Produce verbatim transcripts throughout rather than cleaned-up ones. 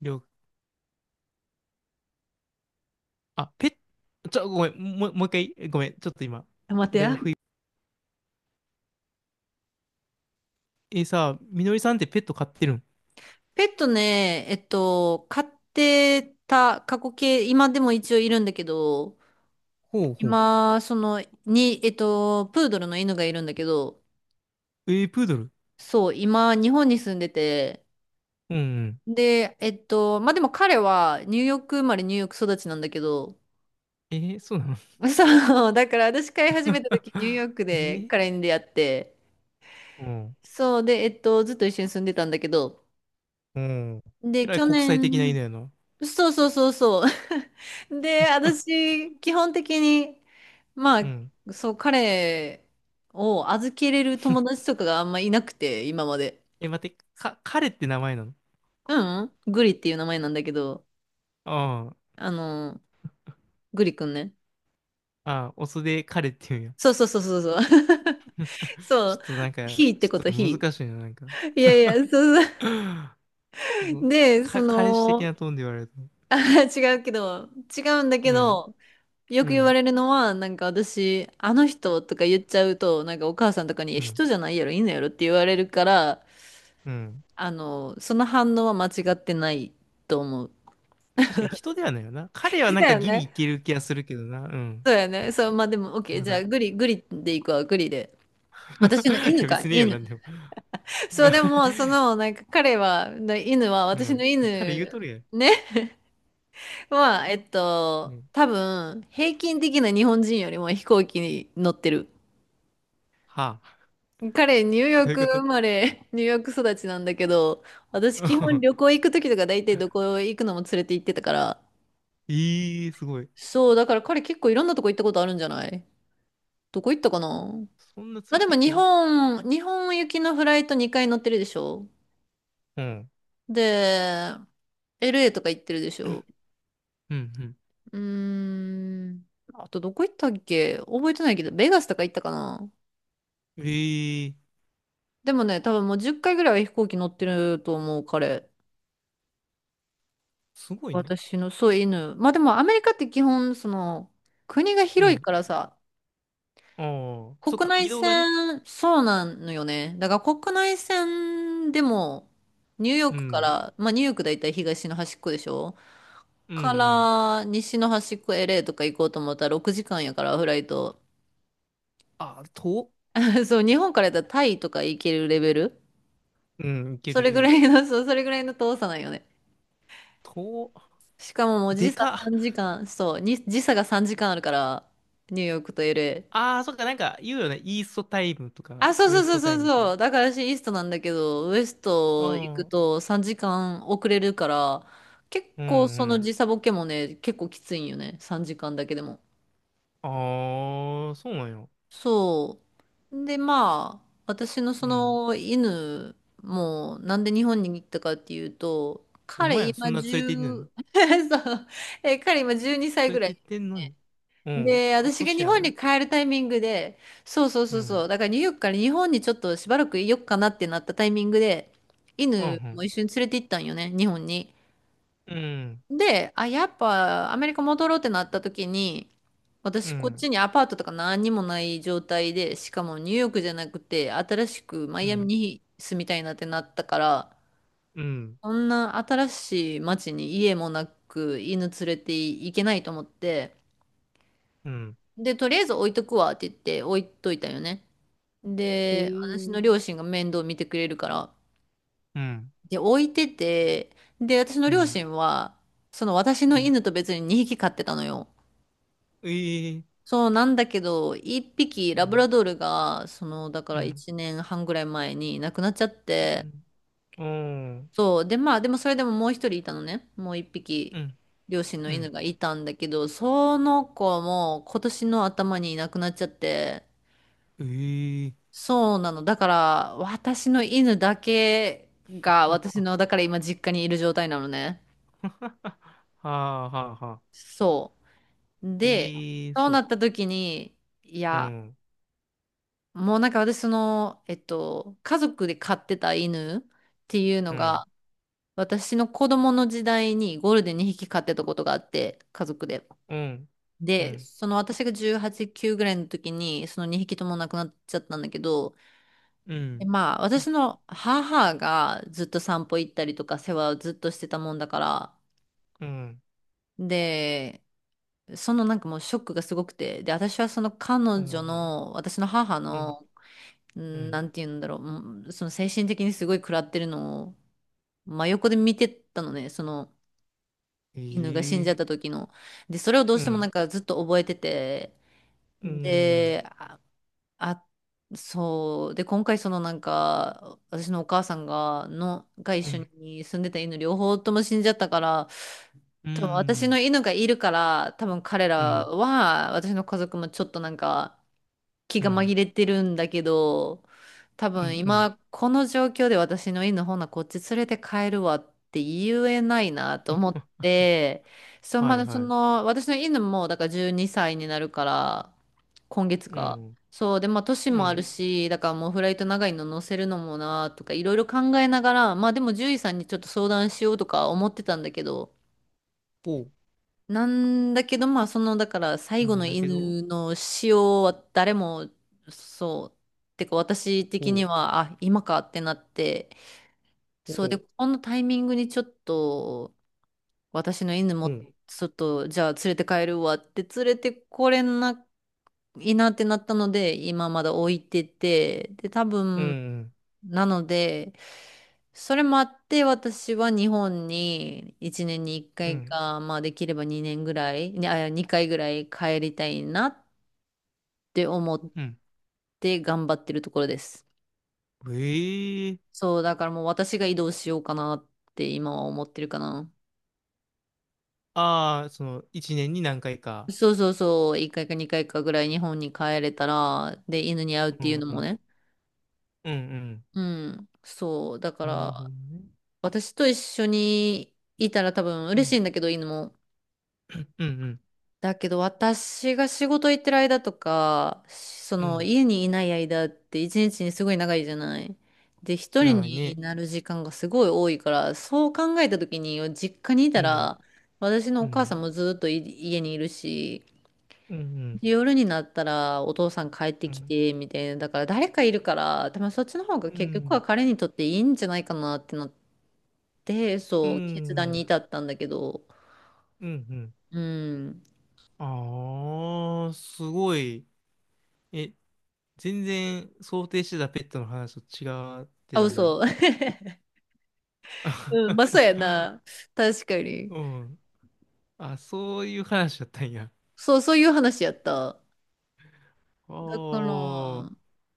りょう、あ、ペッ、ちょ、ごめん、もう、もう一回、えごめん、ちょっと今、待ってだいぶや。不意。え、さ、みのりさんってペット飼ってるん？ペットね、えっと、飼ってた過去形、今でも一応いるんだけど、ほうほ今、その、に、えっと、プードルの犬がいるんだけど、う。えープードル。そう、今、日本に住んでて、うんうん。で、えっと、まあ、でも彼はニューヨーク生まれ、ニューヨーク育ちなんだけど、えーそうなの？ そう、だから私飼い始めた時、ニュー ヨークえでー。彼に出会って、うん。そう、で、えっと、ずっと一緒に住んでたんだけど、うん。えで、らい去国際的な年、犬やな。そうそうそうそう。で、私、基本的に、まうん。あ、そう、彼を預けれる友達とかがあんまいなくて、今まで。え、待って、か、彼って名前なの？うん、うん、グリっていう名前なんだけど、ああの、グリくんね。あ、ああ、オスで彼って言うんや。そうそうそうそうそう。そちう、ょっとなんか、ひーってちこょっと、とひ難しいな、なんか。ー。いやいや、そうそ そう。う、で、そか、彼氏的の、なトーンで言われると。あ、違うけど、違うんだけうん、ど、よくう言わん、れるのは、なんか私、あの人とか言っちゃうと、なんかお母さんとかに、いうやん、人じゃないやろ、犬やろって言われるから、うん。あの、その反応は間違ってないと思う。確かに人ではないよな。彼はなんだかよギリね。いける気がするけどな。うん。そうやね。そう、まあでも、オッケー。まじゃあ、だ。グリ、グリでいくわ、グリで。私の い犬やか、別にいいよ、犬。なんでも。そう、でも、そ の、なんか彼は、な犬は、う私のん。彼言う犬、とるやん。ね、は、えっうと、ん。多分、平均的な日本人よりも飛行機に乗ってる。はあ。彼、ニューヨーどういうクこ生と？ まれ、ニューヨーク育ちなんだけど、私基本旅 行行くときとか大体どこ行くのも連れて行ってたから、ええー、すごい。そう、だから彼結構いろんなとこ行ったことあるんじゃない？どこ行ったかな？そんなまあ連れでてもいく日んや。本、日本行きのフライトにかい乗ってるでしょ？うん。で、エルエー とか行ってるでしょ？うん、うーん。あとどこ行ったっけ覚えてないけど、ベガスとか行ったかな？うん。ええー、でもね、多分もうじゅっかいぐらいは飛行機乗ってると思う、彼。すごいな。私の、そう、犬。まあでもアメリカって基本、その、国がう広いん。からさ、ああ、そっ国か、内移動がね。線、そうなのよね。だから国内線でも、ニューヨーうクかん。ら、まあニューヨークだいたい東の端っこでしょ、うん、うかん。ら西の端っこ エルエー とか行こうと思ったらろくじかんやから、フライト。ああ、遠。そう、日本からやったらタイとか行けるレベル。うん、いけそるれぐらね。いの、そう、それぐらいの遠さなんよね。遠。しかももうで時差か。さんじかん、そう、に時差がさんじかんあるから、ニューヨークと エルエー。ああ、そっか、なんか言うよね。イーストタイムとあ、か、そうウそエうスそうトタそイうムとそか。う。だから私イーストなんだけど、ウエスあト行くあ、とさんじかん遅れるから、結うん構うそのん。時差ボケもね、結構きついんよね。さんじかんだけでも。ああ、そうなんや。そう。で、まあ、私のそうん。の犬も、なんで日本に行ったかっていうと、お彼前今そんな連いち、 れ て行ってんそう、の？え、彼今じゅうにさい連れぐらて行いってんのに。うん。で、あ、私が年日や本にね。帰るタイミングで、そうそううそうそん。う、だからニューヨークから日本にちょっとしばらくいよっかなってなったタイミングで、う犬もん。一緒に連れて行ったんよね、日本に。うん。で、あ、やっぱアメリカ戻ろうってなった時に、う私こっん。ちにアパートとか何にもない状態で、しかもニューヨークじゃなくて、新しくマうイアミん。に住みたいなってなったから、うん。そんな新しい街に家もなく犬連れて行けないと思って、うん。で、とりあえず置いとくわって言って置いといたよね。おで、私のー。両親が面倒見てくれるから。うん。で、置いてて、で、私のう両ん。親は、その私うのん。犬と別ににひき飼ってたのよ。ええ。そうなんだけど、いっぴきうラブん。ラドールが、その、だかうらん。いちねんはんぐらい前に亡くなっちゃって、うん。うん。そう。で、まあ、でもそれでももうひとりいたのね。もう1う匹、ん。両親のう犬ん。がいたんだけど、その子も今年の頭にいなくなっちゃって、ええ。そうなの。だから、私の犬だけが、あ、私あ、の、だから今実家にいる状態なのね。はあ、はあ、はあ。そう。で、ええ、そうそなう。った時に、いうや、ん。もうなんか私その、えっと、家族で飼ってた犬っていうのうん。が、私の子供の時代にゴールデンにひき飼ってたことがあって、家族で。うん。うで、ん。その私がじゅうはち、きゅうぐらいの時に、そのにひきとも亡くなっちゃったんだけど、うでん。まあ、私の母がずっと散歩行ったりとか世話をずっとしてたもんだから、うん。で、そのなんかもうショックがすごくて、で、私はその彼う女ん。の、私の母うん、の、ううんなん、んて言うんだろう、うんその精神的にすごい食らってるのを真横で見てたのね、そのえ犬が死んえ、じゃった時の。で、それをどううしてもなんん、かずっと覚えてて、うん、で、あ、そう。で、今回そのなんか、私のお母さんが、の、が一う緒ん、に住んでた犬両方とも死んじゃったから、う多分私のん、犬がいるから、多分彼うらん、は、私の家族もちょっとなんか、気うが紛ん、れてるんだけど、多う分ん、うん、今この状況で私の犬ほなこっち連れて帰るわって言えないなと思っあ、て、そう、はまいだそはい、の私の犬もだからじゅうにさいにさいになるから、今月うか。ん、そうでまあ年うもあん、るしだからもうフライト長いの乗せるのもなとかいろいろ考えながら、まあでも獣医さんにちょっと相談しようとか思ってたんだけどおう、なんだけど、まあ、その、だから、最な後んのだけど、犬の死をは誰も、そう、てか、私お的にう、は、あ、今かってなって、おそうで、う、このタイミングにちょっと、私の犬うも、ん、ちょっと、じゃあ連れて帰るわって連れてこれないいなってなったので、今まだ置いてて、で、多う分、ん、なので、それもあって、私は日本にいちねんに1う回かいん、か、まあできればにねんぐらい、にあ、にかいぐらい帰りたいなって思っうん、て頑張ってるところです。ええ、そう、だからもう私が移動しようかなって今は思ってるかな。ああ、その、一年に何回か。そうそうそう、いっかいかにかいかいかぐらい日本に帰れたら、で、犬に会うっうていうのん、うもん、ね。うん、うん、そう、だかうん、なるほら、どね。私と一緒にいたら多分う嬉しん、いんだけど、犬も。うん、うん、だけど私が仕事行ってる間とか、そうのん、家にいない間って一日にすごい長いじゃない。で、一人長いにね。なる時間がすごい多いから、そう考えた時に実家にいうたん、ら、私のうお母さんん、もずっとい家にいるし、うん、うん、で夜になったらお父さん帰ってうきん、て、みたいな。だから誰かいるから、多分そっちの方がう結局はん、彼にとっていいんじゃないかなってなって、うん、うそう、決断にん、至ったんだけど。うん、うん、うん。ああ、すごい。え、全然想定してたペットの話と違ってあ、たね。嘘。うん、まあ、そうや な。確かに。うん。あ、そういう話だったんや。そう、そういう話やった。ああ、だから、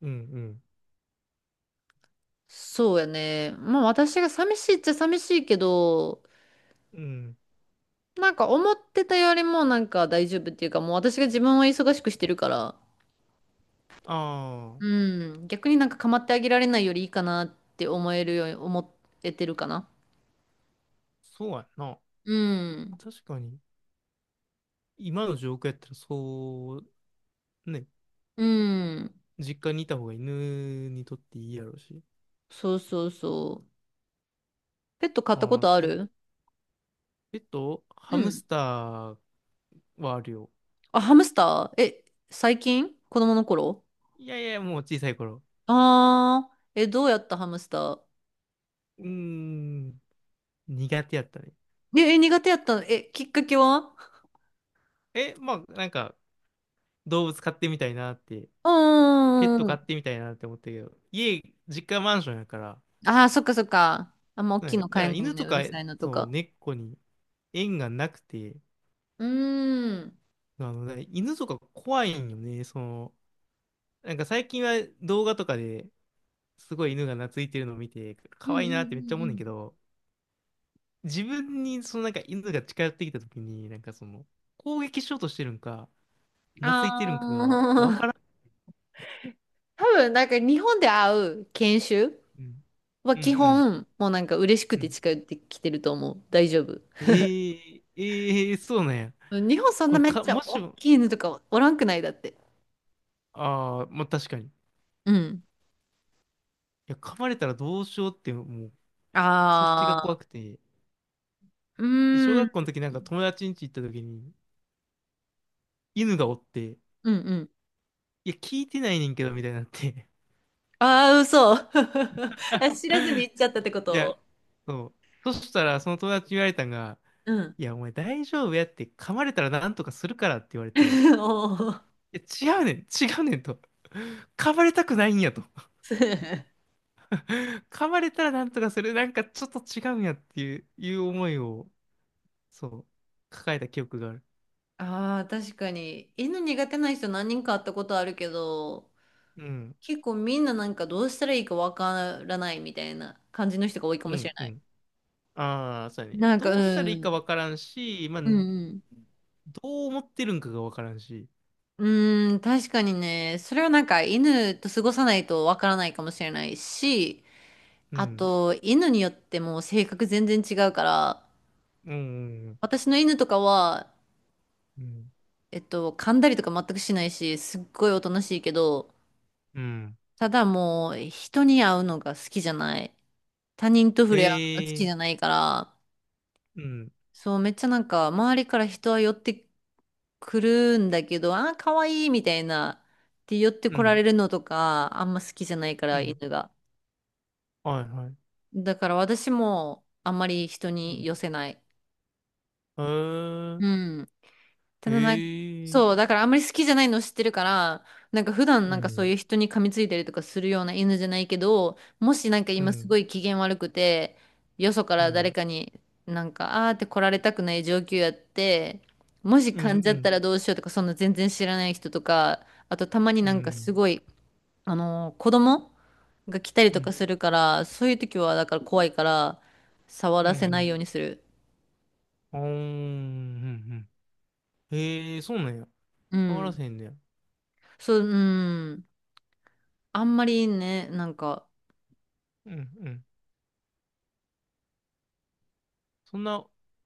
うんうん。そうやね。まあ、私が寂しいっちゃ寂しいけど、うん。なんか思ってたよりもなんか大丈夫っていうか、もう私が自分は忙しくしてるから、ああ、うん、逆になんか構ってあげられないよりいいかなって思えるように思えてるかな。そうやな。うん。確かに、今の状況やったらそう、ね、うん。実家にいた方が犬にとっていいやろうし。そうそうそう。ペット飼ったこああ、とあそう。る？ペット、ハうムん。スターはあるよ。あ、ハムスター？え、最近？子供の頃？いやいや、もう小さい頃。あー、え、どうやったハムスター？うーん。苦手やったね。え、え苦手やったの？え、きっかけは？え、まあ、なんか、動物飼ってみたいなって、うペッート飼ん。ってみたいなって思ったけど、家、実家マンションやから、ああ、そっかそっか。あんま大きいね、のだ買かえらないの犬ね。とうるか、さいのとそう、か。猫に縁がなくて、うーん。あの、ね、犬とか怖いんよね、その、なんか最近は動画とかですごい犬が懐いてるのを見て、う可んうん愛いうなってめっちゃ思んううねんだん。けど、自分にそのなんか犬が近寄ってきた時に、なんかその、攻撃しようとしてるんか、懐いてるあんかがわあ、からん。多分なんか日本で会う研修うん、はうん、う基ん。本、もうなんか嬉しくうてん近寄ってきてると思う。大丈夫。ええええそうなんや。日本そんこなれめっか、ちゃもし大も、きい犬とかおらんくないだって。ああ、まあ確かに。いうん。や、噛まれたらどうしようって、もう、そっちがあ怖くて。うで、小ー学校のん。時なんか友達ん家行った時に、犬がおって、うんうん。いや、聞いてないねんけど、みたいになって。ああ、嘘。あ知らずに 行っちゃったってこいや、と？そう。そしたら、その友達に言われたんが、うん。いや、お前大丈夫やって、噛まれたらなんとかするからって言われて、い おー や、違うねん、違うねんと。噛まれたくないんやと。噛まれたらなんとかする。なんかちょっと違うんやっていう、いう思いを、そう、抱えた記憶がある。ああ、確かに。犬苦手な人何人か会ったことあるけど、うん、結構みんななんかどうしたらいいかわからないみたいな感じの人が多いかうもしれん、うない。ん。ああ、そうやね。なんか、うどうしたらいいかん。わからんし、まあ、うどんう思ってるんかがわからんし。うん。うーん、確かにね、それはなんか犬と過ごさないとわからないかもしれないし、うあん、と、犬によっても性格全然違うから、うん、うん、私の犬とかは、うん。えっと、噛んだりとか全くしないし、すっごいおとなしいけど、うん。ただもう、人に会うのが好きじゃない。他人と触れ合うのが好えきえじー、ゃないから、うん、そう、めっちゃなんか、周りから人は寄ってくるんだけど、あー、かわいいみたいな、って寄ってうこらん、れるのとか、あんま好きじゃないかうら、ん。犬が。はいはい。だから私も、あんまり人うにん。寄せない。へうん。たえ、だなんか、へえ、そう、だからあんまり好きじゃないの知ってるから、なんか普段うなんかそういん、う人に噛みついたりとかするような犬じゃないけど、もしなんかう今すん、ごい機嫌悪くて、よそかうら誰ん、かになんか、あーって来られたくない状況やって、もしうん、う噛んじゃったん、らどうしようとか、そんな全然知らない人とか、あとたまにうなんかすん、ごい、あのー子供が来たりうん、とうん、うん、かうするから、そういう時はだから怖いから、触ん、うらせないん、ようにする。あー、うん、うん、うん。へえ、そうなんや。う触らん。せへんねや。そう、うん。あんまりね、なんか、うん、うん。そんな、